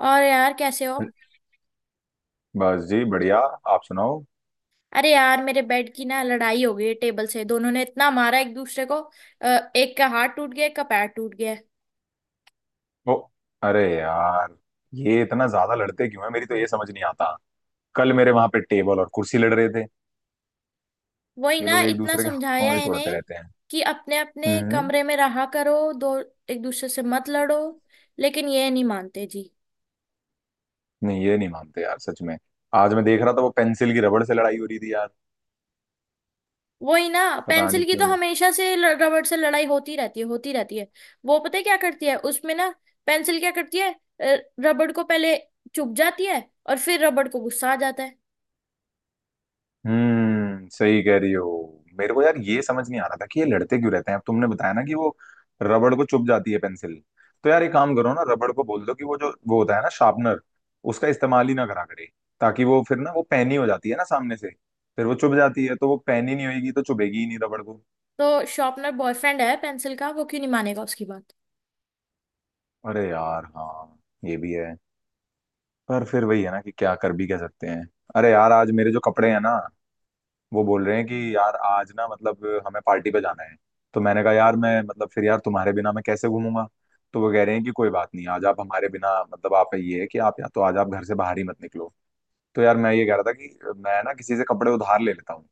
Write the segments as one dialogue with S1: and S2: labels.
S1: और यार, कैसे हो?
S2: बस जी बढ़िया। आप सुनाओ।
S1: अरे यार, मेरे बेड की ना लड़ाई हो गई है टेबल से। दोनों ने इतना मारा एक दूसरे को। एक का हाथ टूट गया, एक का पैर टूट गया।
S2: ओ। अरे यार। ये इतना ज्यादा लड़ते क्यों है, मेरी तो ये समझ नहीं आता। कल मेरे वहां पे टेबल और कुर्सी लड़ रहे थे।
S1: वही
S2: ये
S1: ना,
S2: लोग एक
S1: इतना
S2: दूसरे के हाथ
S1: समझाया
S2: पाँव भी
S1: है
S2: तोड़ते
S1: इन्हें
S2: रहते हैं।
S1: कि अपने अपने
S2: हम्म।
S1: कमरे में रहा करो। दो एक दूसरे से मत लड़ो। लेकिन ये नहीं मानते जी।
S2: नहीं ये नहीं मानते यार सच में। आज मैं देख रहा था वो पेंसिल की रबड़ से लड़ाई हो रही थी यार।
S1: वही ना।
S2: पता नहीं
S1: पेंसिल की तो
S2: क्यों।
S1: हमेशा से रबड़ से लड़ाई होती रहती है, होती रहती है। वो पता है क्या करती है उसमें ना? पेंसिल क्या करती है? अ, रबड़ को पहले चुभ जाती है, और फिर रबड़ को गुस्सा आ जाता है।
S2: सही कह रही हो। मेरे को यार ये समझ नहीं आ रहा था कि ये लड़ते क्यों रहते हैं, अब तुमने बताया ना कि वो रबड़ को चुभ जाती है पेंसिल। तो यार एक काम करो ना, रबड़ को बोल दो कि वो जो वो होता है ना शार्पनर, उसका इस्तेमाल ही ना करा करे। ताकि वो फिर ना वो पैनी हो जाती है ना सामने से, फिर वो चुभ जाती है। तो वो पैनी नहीं होगी तो चुभेगी ही नहीं रबड़ को।
S1: तो शॉर्पनर बॉयफ्रेंड है पेंसिल का, वो क्यों नहीं मानेगा उसकी बात।
S2: अरे यार हाँ। ये भी है। पर फिर वही है ना कि क्या कर भी कह सकते हैं। अरे यार आज मेरे जो कपड़े हैं ना, वो बोल रहे हैं कि यार आज ना मतलब हमें पार्टी पे जाना है। तो मैंने कहा यार मैं मतलब फिर यार तुम्हारे बिना मैं कैसे घूमूंगा। तो वो कह रहे हैं कि कोई बात नहीं, आज आप हमारे बिना मतलब आप ये है कि आप या तो आज आप घर से बाहर ही मत निकलो। तो यार मैं ये कह रहा था कि मैं ना किसी से कपड़े उधार ले लेता हूँ,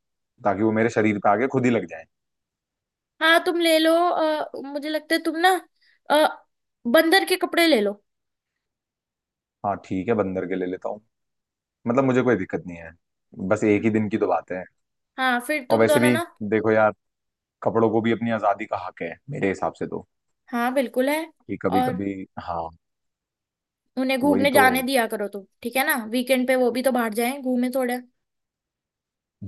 S2: ताकि वो मेरे शरीर पे आके खुद ही लग जाए।
S1: हाँ, तुम ले लो। मुझे लगता है तुम ना, अ, बंदर के कपड़े ले लो।
S2: हाँ ठीक है बंदर के ले लेता हूँ। मतलब मुझे कोई दिक्कत नहीं है। बस एक ही दिन की तो बात है।
S1: हाँ, फिर
S2: और
S1: तुम
S2: वैसे
S1: दोनों
S2: भी
S1: ना।
S2: देखो यार, कपड़ों को भी अपनी आजादी का हक है मेरे हिसाब से तो।
S1: हाँ बिल्कुल है।
S2: कि कभी
S1: और
S2: कभी हाँ।
S1: उन्हें
S2: वही
S1: घूमने
S2: तो।
S1: जाने दिया करो तुम, ठीक है ना। वीकेंड पे वो भी तो बाहर जाएं, घूमे थोड़े।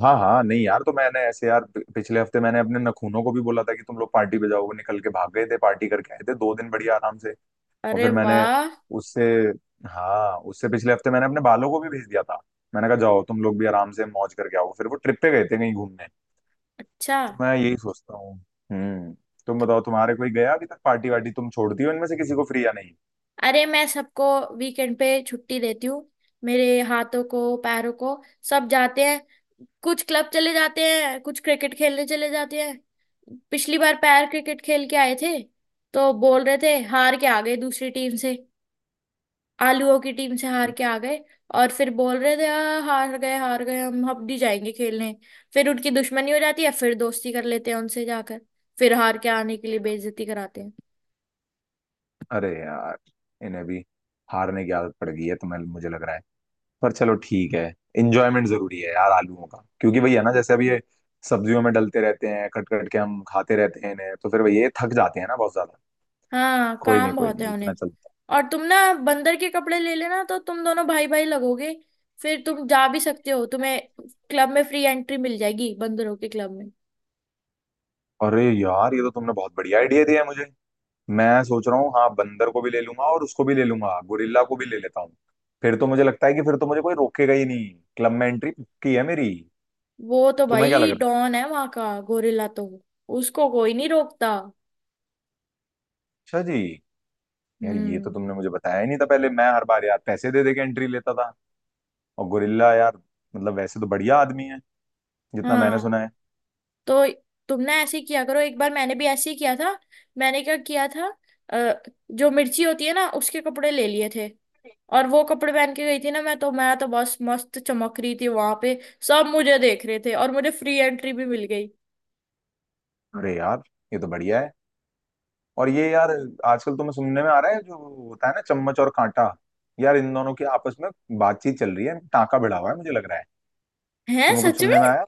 S2: हाँ हाँ, नहीं यार तो मैंने ऐसे यार पिछले हफ्ते मैंने अपने नखूनों को भी बोला था कि तुम लोग पार्टी पे जाओ, वो निकल के भाग गए थे, पार्टी करके आए थे दो दिन बढ़िया आराम से। और
S1: अरे
S2: फिर मैंने
S1: वाह।
S2: उससे हाँ उससे पिछले हफ्ते मैंने अपने बालों को भी भेज दिया था। मैंने कहा जाओ तुम लोग भी आराम से मौज करके आओ, फिर वो ट्रिप पे गए थे कहीं घूमने।
S1: अच्छा।
S2: तो मैं यही सोचता हूँ। हम्म। तुम बताओ तुम्हारे कोई गया अभी तक पार्टी वार्टी, तुम छोड़ती हो इनमें से किसी को फ्री या नहीं।
S1: अरे, मैं सबको वीकेंड पे छुट्टी देती हूँ। मेरे हाथों को, पैरों को, सब जाते हैं। कुछ क्लब चले जाते हैं, कुछ क्रिकेट खेलने चले जाते हैं। पिछली बार पैर क्रिकेट खेल के आए थे, तो बोल रहे थे हार के आ गए दूसरी टीम से। आलूओं की टीम से हार के आ गए। और फिर बोल रहे थे, हार गए, हार गए, हम अब नहीं जाएंगे खेलने।" फिर उनकी दुश्मनी हो जाती है, फिर दोस्ती कर लेते हैं उनसे जाकर। फिर हार के आने के लिए बेइज्जती कराते हैं।
S2: अरे यार इन्हें भी हारने की आदत पड़ गई है तुम्हें मुझे लग रहा है। पर चलो ठीक है। इंजॉयमेंट जरूरी है यार आलूओं का, क्योंकि वही है ना जैसे अब ये सब्जियों में डलते रहते हैं, कट कट के हम खाते रहते हैं इन्हें, तो फिर वही ये थक जाते हैं ना बहुत ज्यादा।
S1: हाँ, काम
S2: कोई
S1: बहुत है
S2: नहीं इतना
S1: उन्हें।
S2: चलता
S1: और तुम ना, बंदर के कपड़े ले लेना, तो तुम दोनों भाई भाई लगोगे। फिर तुम जा भी सकते हो, तुम्हें क्लब में फ्री एंट्री मिल जाएगी, बंदरों के क्लब में।
S2: है। अरे यार ये तो तुमने बहुत बढ़िया आइडिया दिया है मुझे। मैं सोच रहा हूँ हाँ बंदर को भी ले लूंगा और उसको भी ले लूंगा गोरिल्ला को भी ले लेता हूँ। फिर तो मुझे लगता है कि फिर तो मुझे कोई रोकेगा ही नहीं। क्लब में एंट्री पक्की है मेरी।
S1: वो तो
S2: तुम्हें क्या लग
S1: भाई
S2: रहा
S1: डॉन है वहां का, गोरिल्ला तो। उसको कोई नहीं रोकता।
S2: है। अच्छा जी। यार ये तो
S1: हम्म।
S2: तुमने मुझे बताया ही नहीं था पहले, मैं हर बार यार पैसे दे दे के एंट्री लेता था। और गोरिल्ला यार मतलब वैसे तो बढ़िया आदमी है, जितना मैंने
S1: हाँ,
S2: सुना है।
S1: तो तुमने ऐसे ही किया करो। एक बार मैंने भी ऐसे ही किया था। मैंने क्या किया था? अ, जो मिर्ची होती है ना, उसके कपड़े ले लिए थे। और वो कपड़े पहन के गई थी ना, मैं तो बस मस्त चमक रही थी वहां पे। सब मुझे देख रहे थे, और मुझे फ्री एंट्री भी मिल गई।
S2: अरे यार ये तो बढ़िया है। और ये यार आजकल तुम्हें सुनने में आ रहा है जो होता है ना चम्मच और कांटा, यार इन दोनों की आपस में बातचीत चल रही है, टाँका भिड़ा हुआ है मुझे लग रहा है।
S1: है
S2: तुम्हें कुछ
S1: सच में।
S2: सुनने में आया।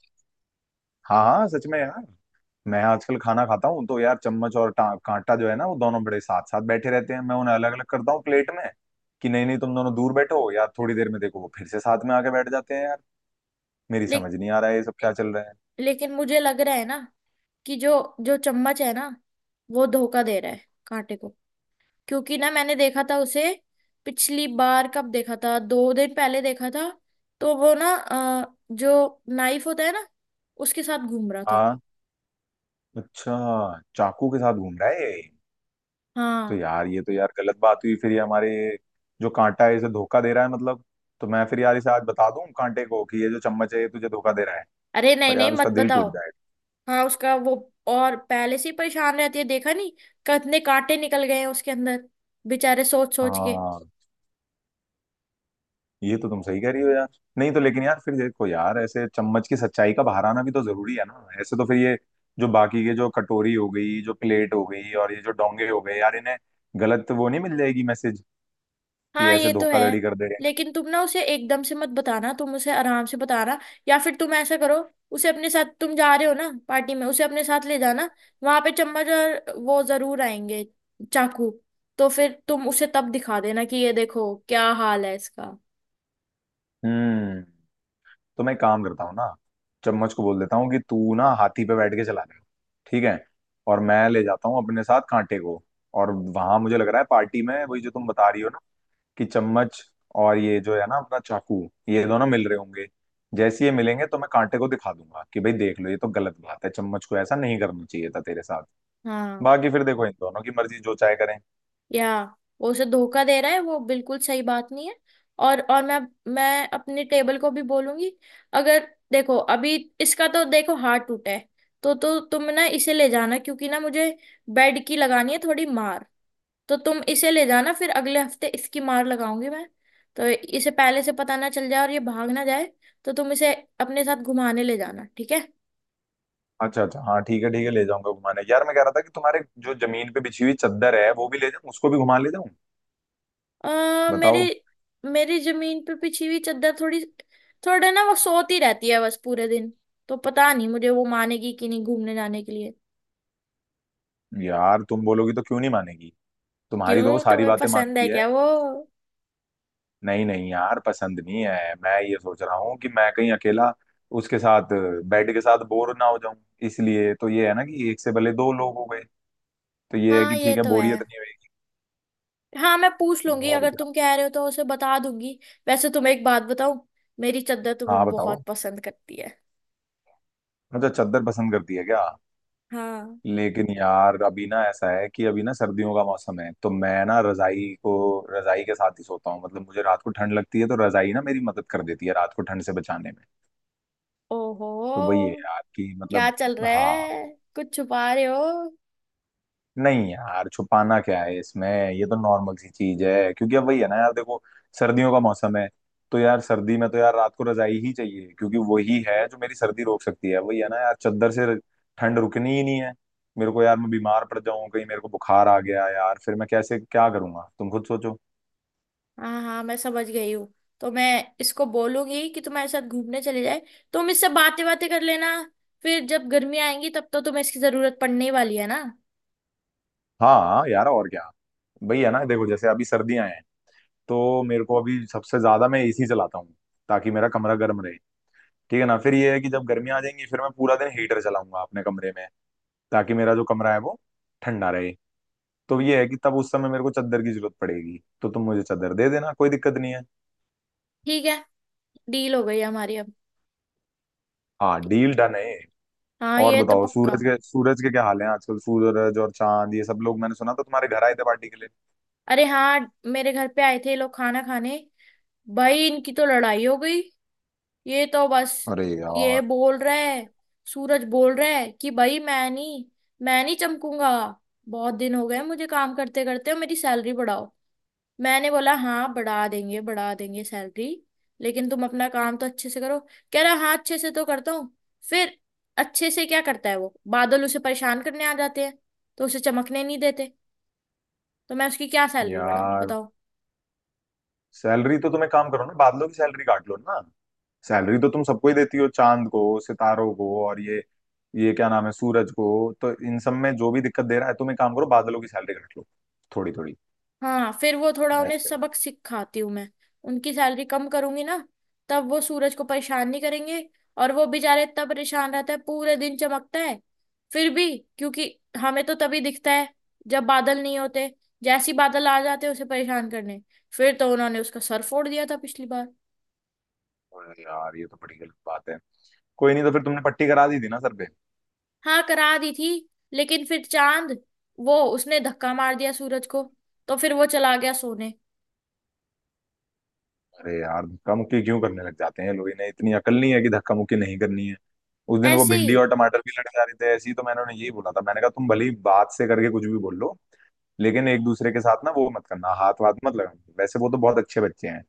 S2: हाँ हाँ सच में यार, मैं आजकल खाना खाता हूँ तो यार चम्मच और कांटा जो है ना वो दोनों बड़े साथ साथ बैठे रहते हैं, मैं उन्हें अलग अलग करता हूँ प्लेट में। कि नहीं नहीं तुम दोनों दूर बैठो यार, थोड़ी देर में देखो वो फिर से साथ में आके बैठ जाते हैं यार। मेरी
S1: ले,
S2: समझ नहीं आ रहा है ये सब क्या चल रहा है।
S1: लेकिन मुझे लग रहा है ना, कि जो जो चम्मच है ना, वो धोखा दे रहा है कांटे को। क्योंकि ना मैंने देखा था उसे। पिछली बार कब देखा था? दो दिन पहले देखा था। तो वो ना, जो नाइफ होता है ना, उसके साथ घूम रहा था।
S2: हाँ, अच्छा चाकू के साथ घूम रहा है ये। तो
S1: हाँ।
S2: यार ये तो यार गलत बात हुई, फिर ये हमारे जो कांटा है इसे धोखा दे रहा है मतलब। तो मैं फिर यार इसे आज बता दूं कांटे को कि ये जो चम्मच है ये तुझे धोखा दे रहा है।
S1: अरे नहीं
S2: पर
S1: नहीं,
S2: यार
S1: मत
S2: उसका दिल
S1: बताओ।
S2: टूट जाएगा।
S1: हाँ उसका वो, और पहले से ही परेशान रहती है, देखा नहीं, कितने कांटे निकल गए हैं उसके अंदर, बेचारे सोच सोच के।
S2: हाँ ये तो तुम सही कह रही हो यार। नहीं तो, लेकिन यार फिर देखो यार ऐसे चम्मच की सच्चाई का बाहर आना भी तो जरूरी है ना, ऐसे तो फिर ये जो बाकी के जो कटोरी हो गई जो प्लेट हो गई और ये जो डोंगे हो गए यार इन्हें गलत वो नहीं मिल जाएगी मैसेज कि
S1: हाँ
S2: ऐसे
S1: ये तो है।
S2: धोखाधड़ी कर दे रहे
S1: लेकिन तुम ना, उसे एकदम से मत बताना, तुम उसे आराम से बताना। या फिर तुम ऐसा करो, उसे अपने साथ, तुम जा रहे हो ना पार्टी में, उसे अपने साथ ले जाना। वहां पे चम्मच और वो जरूर आएंगे, चाकू। तो फिर तुम उसे तब दिखा देना कि ये देखो क्या हाल है इसका।
S2: हैं। हम्म। तो मैं एक काम करता हूँ ना, चम्मच को बोल देता हूँ कि तू ना हाथी पे बैठ के चला ले। ठीक है। और मैं ले जाता हूँ अपने साथ कांटे को, और वहां मुझे लग रहा है पार्टी में वही जो तुम बता रही हो ना कि चम्मच और ये जो है ना अपना चाकू, ये दोनों मिल रहे होंगे। जैसे ये मिलेंगे तो मैं कांटे को दिखा दूंगा कि भाई देख लो, ये तो गलत बात है, चम्मच को ऐसा नहीं करना चाहिए था तेरे साथ।
S1: हाँ।
S2: बाकी फिर देखो इन दोनों की मर्जी जो चाहे करें।
S1: या वो उसे धोखा दे रहा है, वो बिल्कुल सही बात नहीं है। और मैं अपने टेबल को भी बोलूंगी। अगर देखो अभी, इसका तो देखो हाथ टूटा है। तो तुम ना इसे ले जाना, क्योंकि ना मुझे बेड की लगानी है थोड़ी मार। तो तुम इसे ले जाना, फिर अगले हफ्ते इसकी मार लगाऊंगी मैं। तो इसे पहले से पता ना चल जाए और ये भाग ना जाए। तो तुम इसे अपने साथ घुमाने ले जाना, ठीक है।
S2: अच्छा अच्छा हाँ ठीक है ले जाऊंगा घुमाने, यार मैं कह रहा था कि तुम्हारे जो जमीन पे बिछी हुई चादर है वो भी ले जाऊं, उसको भी घुमा ले जाऊं।
S1: मेरे,
S2: बताओ।
S1: मेरी जमीन पे बिछी हुई चादर थोड़ी, थोड़ा ना वो सोती रहती है बस पूरे दिन। तो पता नहीं मुझे, वो मानेगी कि नहीं घूमने जाने के लिए।
S2: यार तुम बोलोगी तो क्यों नहीं मानेगी। तुम्हारी तो वो
S1: क्यों,
S2: सारी
S1: तुम्हें
S2: बातें
S1: पसंद
S2: मानती
S1: है
S2: है।
S1: क्या वो?
S2: नहीं नहीं यार पसंद नहीं है, मैं ये सोच रहा हूँ कि मैं कहीं अकेला उसके साथ बेड के साथ बोर ना हो जाऊं, इसलिए तो ये है ना कि एक से भले दो लोग हो गए। तो ये है कि
S1: हाँ ये
S2: ठीक है
S1: तो है।
S2: बोरियत नहीं होगी।
S1: हाँ, मैं पूछ लूंगी,
S2: और
S1: अगर
S2: क्या।
S1: तुम कह रहे हो तो उसे बता दूंगी। वैसे तुम्हें एक बात बताऊं, मेरी चादर
S2: हाँ
S1: तुम्हें
S2: बताओ।
S1: बहुत पसंद करती है।
S2: अच्छा चद्दर पसंद करती है क्या।
S1: हाँ।
S2: लेकिन यार अभी ना ऐसा है कि अभी ना सर्दियों का मौसम है तो मैं ना रजाई को रजाई के साथ ही सोता हूँ, मतलब मुझे रात को ठंड लगती है तो रजाई ना मेरी मदद कर देती है रात को ठंड से बचाने में। तो वही है
S1: ओहो,
S2: यार कि
S1: क्या
S2: मतलब।
S1: चल रहा
S2: हाँ।
S1: है? कुछ छुपा रहे हो?
S2: नहीं यार छुपाना क्या है इसमें, ये तो नॉर्मल सी चीज है क्योंकि अब वही है ना यार देखो सर्दियों का मौसम है। तो यार सर्दी में तो यार रात को रजाई ही चाहिए क्योंकि वही है जो मेरी सर्दी रोक सकती है, वही है ना यार चादर से ठंड रुकनी ही नहीं है। मेरे को यार मैं बीमार पड़ जाऊं कहीं मेरे को बुखार आ गया यार, फिर मैं कैसे क्या करूंगा तुम खुद सोचो।
S1: हाँ हाँ, मैं समझ गई हूँ। तो मैं इसको बोलूंगी कि तुम्हारे साथ घूमने चले जाए। तुम इससे बातें बातें कर लेना। फिर जब गर्मी आएंगी, तब तो तुम्हें इसकी जरूरत पड़ने ही वाली है ना।
S2: हाँ यार और क्या। वही है ना देखो जैसे अभी सर्दियां हैं तो मेरे को अभी सबसे ज्यादा मैं एसी चलाता हूँ, ताकि मेरा कमरा गर्म रहे। ठीक है ना फिर ये है कि जब गर्मियाँ आ जाएंगी फिर मैं पूरा दिन हीटर चलाऊंगा अपने कमरे में, ताकि मेरा जो कमरा है वो ठंडा रहे। तो ये है कि तब उस समय मेरे को चादर की जरूरत पड़ेगी, तो तुम मुझे चादर दे देना, कोई दिक्कत नहीं है।
S1: ठीक है, डील हो गई हमारी अब।
S2: हाँ डील डन है।
S1: हाँ
S2: और
S1: ये तो
S2: बताओ
S1: पक्का।
S2: सूरज के क्या हाल है आजकल, सूरज और चांद ये सब लोग मैंने सुना था तुम्हारे घर आए थे पार्टी के लिए।
S1: अरे हाँ, मेरे घर पे आए थे ये लोग, खाना खाने। भाई इनकी तो लड़ाई हो गई। ये तो बस,
S2: अरे
S1: ये
S2: यार।
S1: बोल रहा है, सूरज बोल रहा है कि भाई, मैं नहीं चमकूंगा। बहुत दिन हो गए मुझे काम करते करते, मेरी सैलरी बढ़ाओ। मैंने बोला, हाँ बढ़ा देंगे, बढ़ा देंगे सैलरी, लेकिन तुम अपना काम तो अच्छे से करो। कह रहा, हाँ अच्छे से तो करता हूँ। फिर अच्छे से क्या करता है, वो बादल उसे परेशान करने आ जाते हैं, तो उसे चमकने नहीं देते। तो मैं उसकी क्या सैलरी बढ़ाऊं,
S2: यार
S1: बताओ।
S2: सैलरी तो तुम एक काम करो ना, बादलों की सैलरी काट लो ना। सैलरी तो तुम सबको ही देती हो चांद को सितारों को और ये क्या नाम है सूरज को। तो इन सब में जो भी दिक्कत दे रहा है तुम एक काम करो बादलों की सैलरी काट लो थोड़ी थोड़ी।
S1: हाँ, फिर वो थोड़ा उन्हें
S2: बेस्ट है।
S1: सबक सिखाती हूँ मैं। उनकी सैलरी कम करूंगी ना, तब वो सूरज को परेशान नहीं करेंगे। और वो बेचारा इतना परेशान रहता है, पूरे दिन चमकता है फिर भी, क्योंकि हमें तो तभी दिखता है जब बादल नहीं होते। जैसी बादल आ जाते हैं उसे परेशान करने, फिर तो उन्होंने उसका सर फोड़ दिया था पिछली बार।
S2: अरे यार ये तो बड़ी गलत बात है। कोई नहीं तो फिर तुमने पट्टी करा दी थी ना सर पे।
S1: हाँ करा दी थी। लेकिन फिर चांद, वो उसने धक्का मार दिया सूरज को, तो फिर वो चला गया सोने।
S2: अरे यार धक्का मुक्की क्यों करने लग जाते हैं लोग, इन्हें इतनी अकल नहीं है कि धक्का मुक्की नहीं करनी है। उस दिन वो
S1: ऐसे
S2: भिंडी
S1: ही।
S2: और टमाटर भी लड़ जा रहे थे ऐसे ही, तो मैंने उन्हें यही बोला था, मैंने कहा तुम भले ही बात से करके कुछ भी बोल लो, लेकिन एक दूसरे के साथ ना वो मत करना हाथ वाथ मत लगाना, वैसे वो तो बहुत अच्छे बच्चे हैं।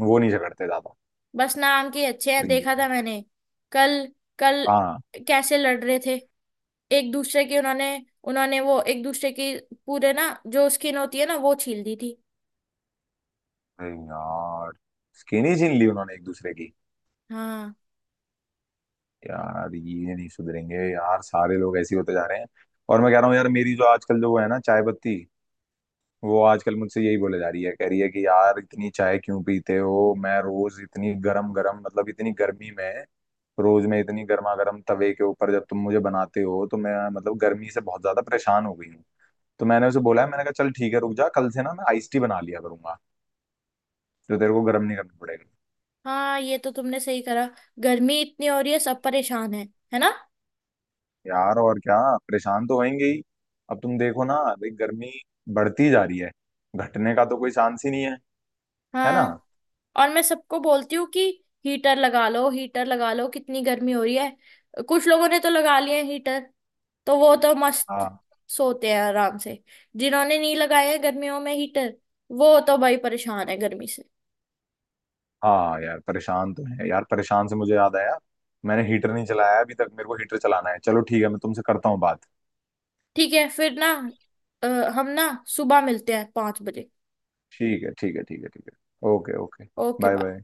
S2: वो नहीं झगड़ते ज्यादा।
S1: बस नाम के अच्छे हैं,
S2: अरे
S1: देखा था मैंने कल कल
S2: हाँ।
S1: कैसे लड़ रहे थे। एक दूसरे की उन्होंने उन्होंने वो एक दूसरे की पूरे ना, जो स्किन होती है ना, वो छील दी थी।
S2: अरे यार स्किन ही छीन ली उन्होंने एक दूसरे की।
S1: हाँ।
S2: यार ये नहीं सुधरेंगे यार, सारे लोग ऐसे ही होते जा रहे हैं। और मैं कह रहा हूँ यार मेरी जो आजकल जो वो है ना चाय पत्ती, वो आजकल मुझसे यही बोले जा रही है, कह रही है कि यार इतनी चाय क्यों पीते हो, मैं रोज इतनी गरम गरम मतलब इतनी गर्मी में रोज मैं इतनी गर्मा गर्म तवे के ऊपर जब तुम मुझे बनाते हो तो मैं मतलब गर्मी से बहुत ज्यादा परेशान हो गई हूँ। तो मैंने उसे बोला है मैंने कहा चल ठीक है रुक जा कल से ना मैं आइस टी बना लिया करूंगा, तो तेरे को गर्म नहीं करना पड़ेगा।
S1: हाँ ये तो तुमने सही करा। गर्मी इतनी हो रही है, सब परेशान है ना।
S2: यार और क्या। परेशान तो होंगे ही। अब तुम देखो ना भाई गर्मी बढ़ती जा रही है, घटने का तो कोई चांस ही नहीं है। है ना।
S1: हाँ, और मैं सबको बोलती हूँ कि हीटर लगा लो, हीटर लगा लो, कितनी गर्मी हो रही है। कुछ लोगों ने तो लगा लिए हैं हीटर, तो वो तो मस्त
S2: हाँ
S1: सोते हैं आराम से। जिन्होंने नहीं लगाया है गर्मियों में हीटर, वो तो भाई परेशान है गर्मी से।
S2: हाँ यार परेशान तो है यार, परेशान से मुझे याद आया मैंने हीटर नहीं चलाया अभी तक, मेरे को हीटर चलाना है। चलो ठीक है मैं तुमसे करता हूँ बात।
S1: ठीक है फिर ना, अ, हम ना सुबह मिलते हैं 5 बजे।
S2: ठीक है ठीक है ठीक है ठीक है okay okay.
S1: Okay
S2: bye
S1: bye.
S2: Bye.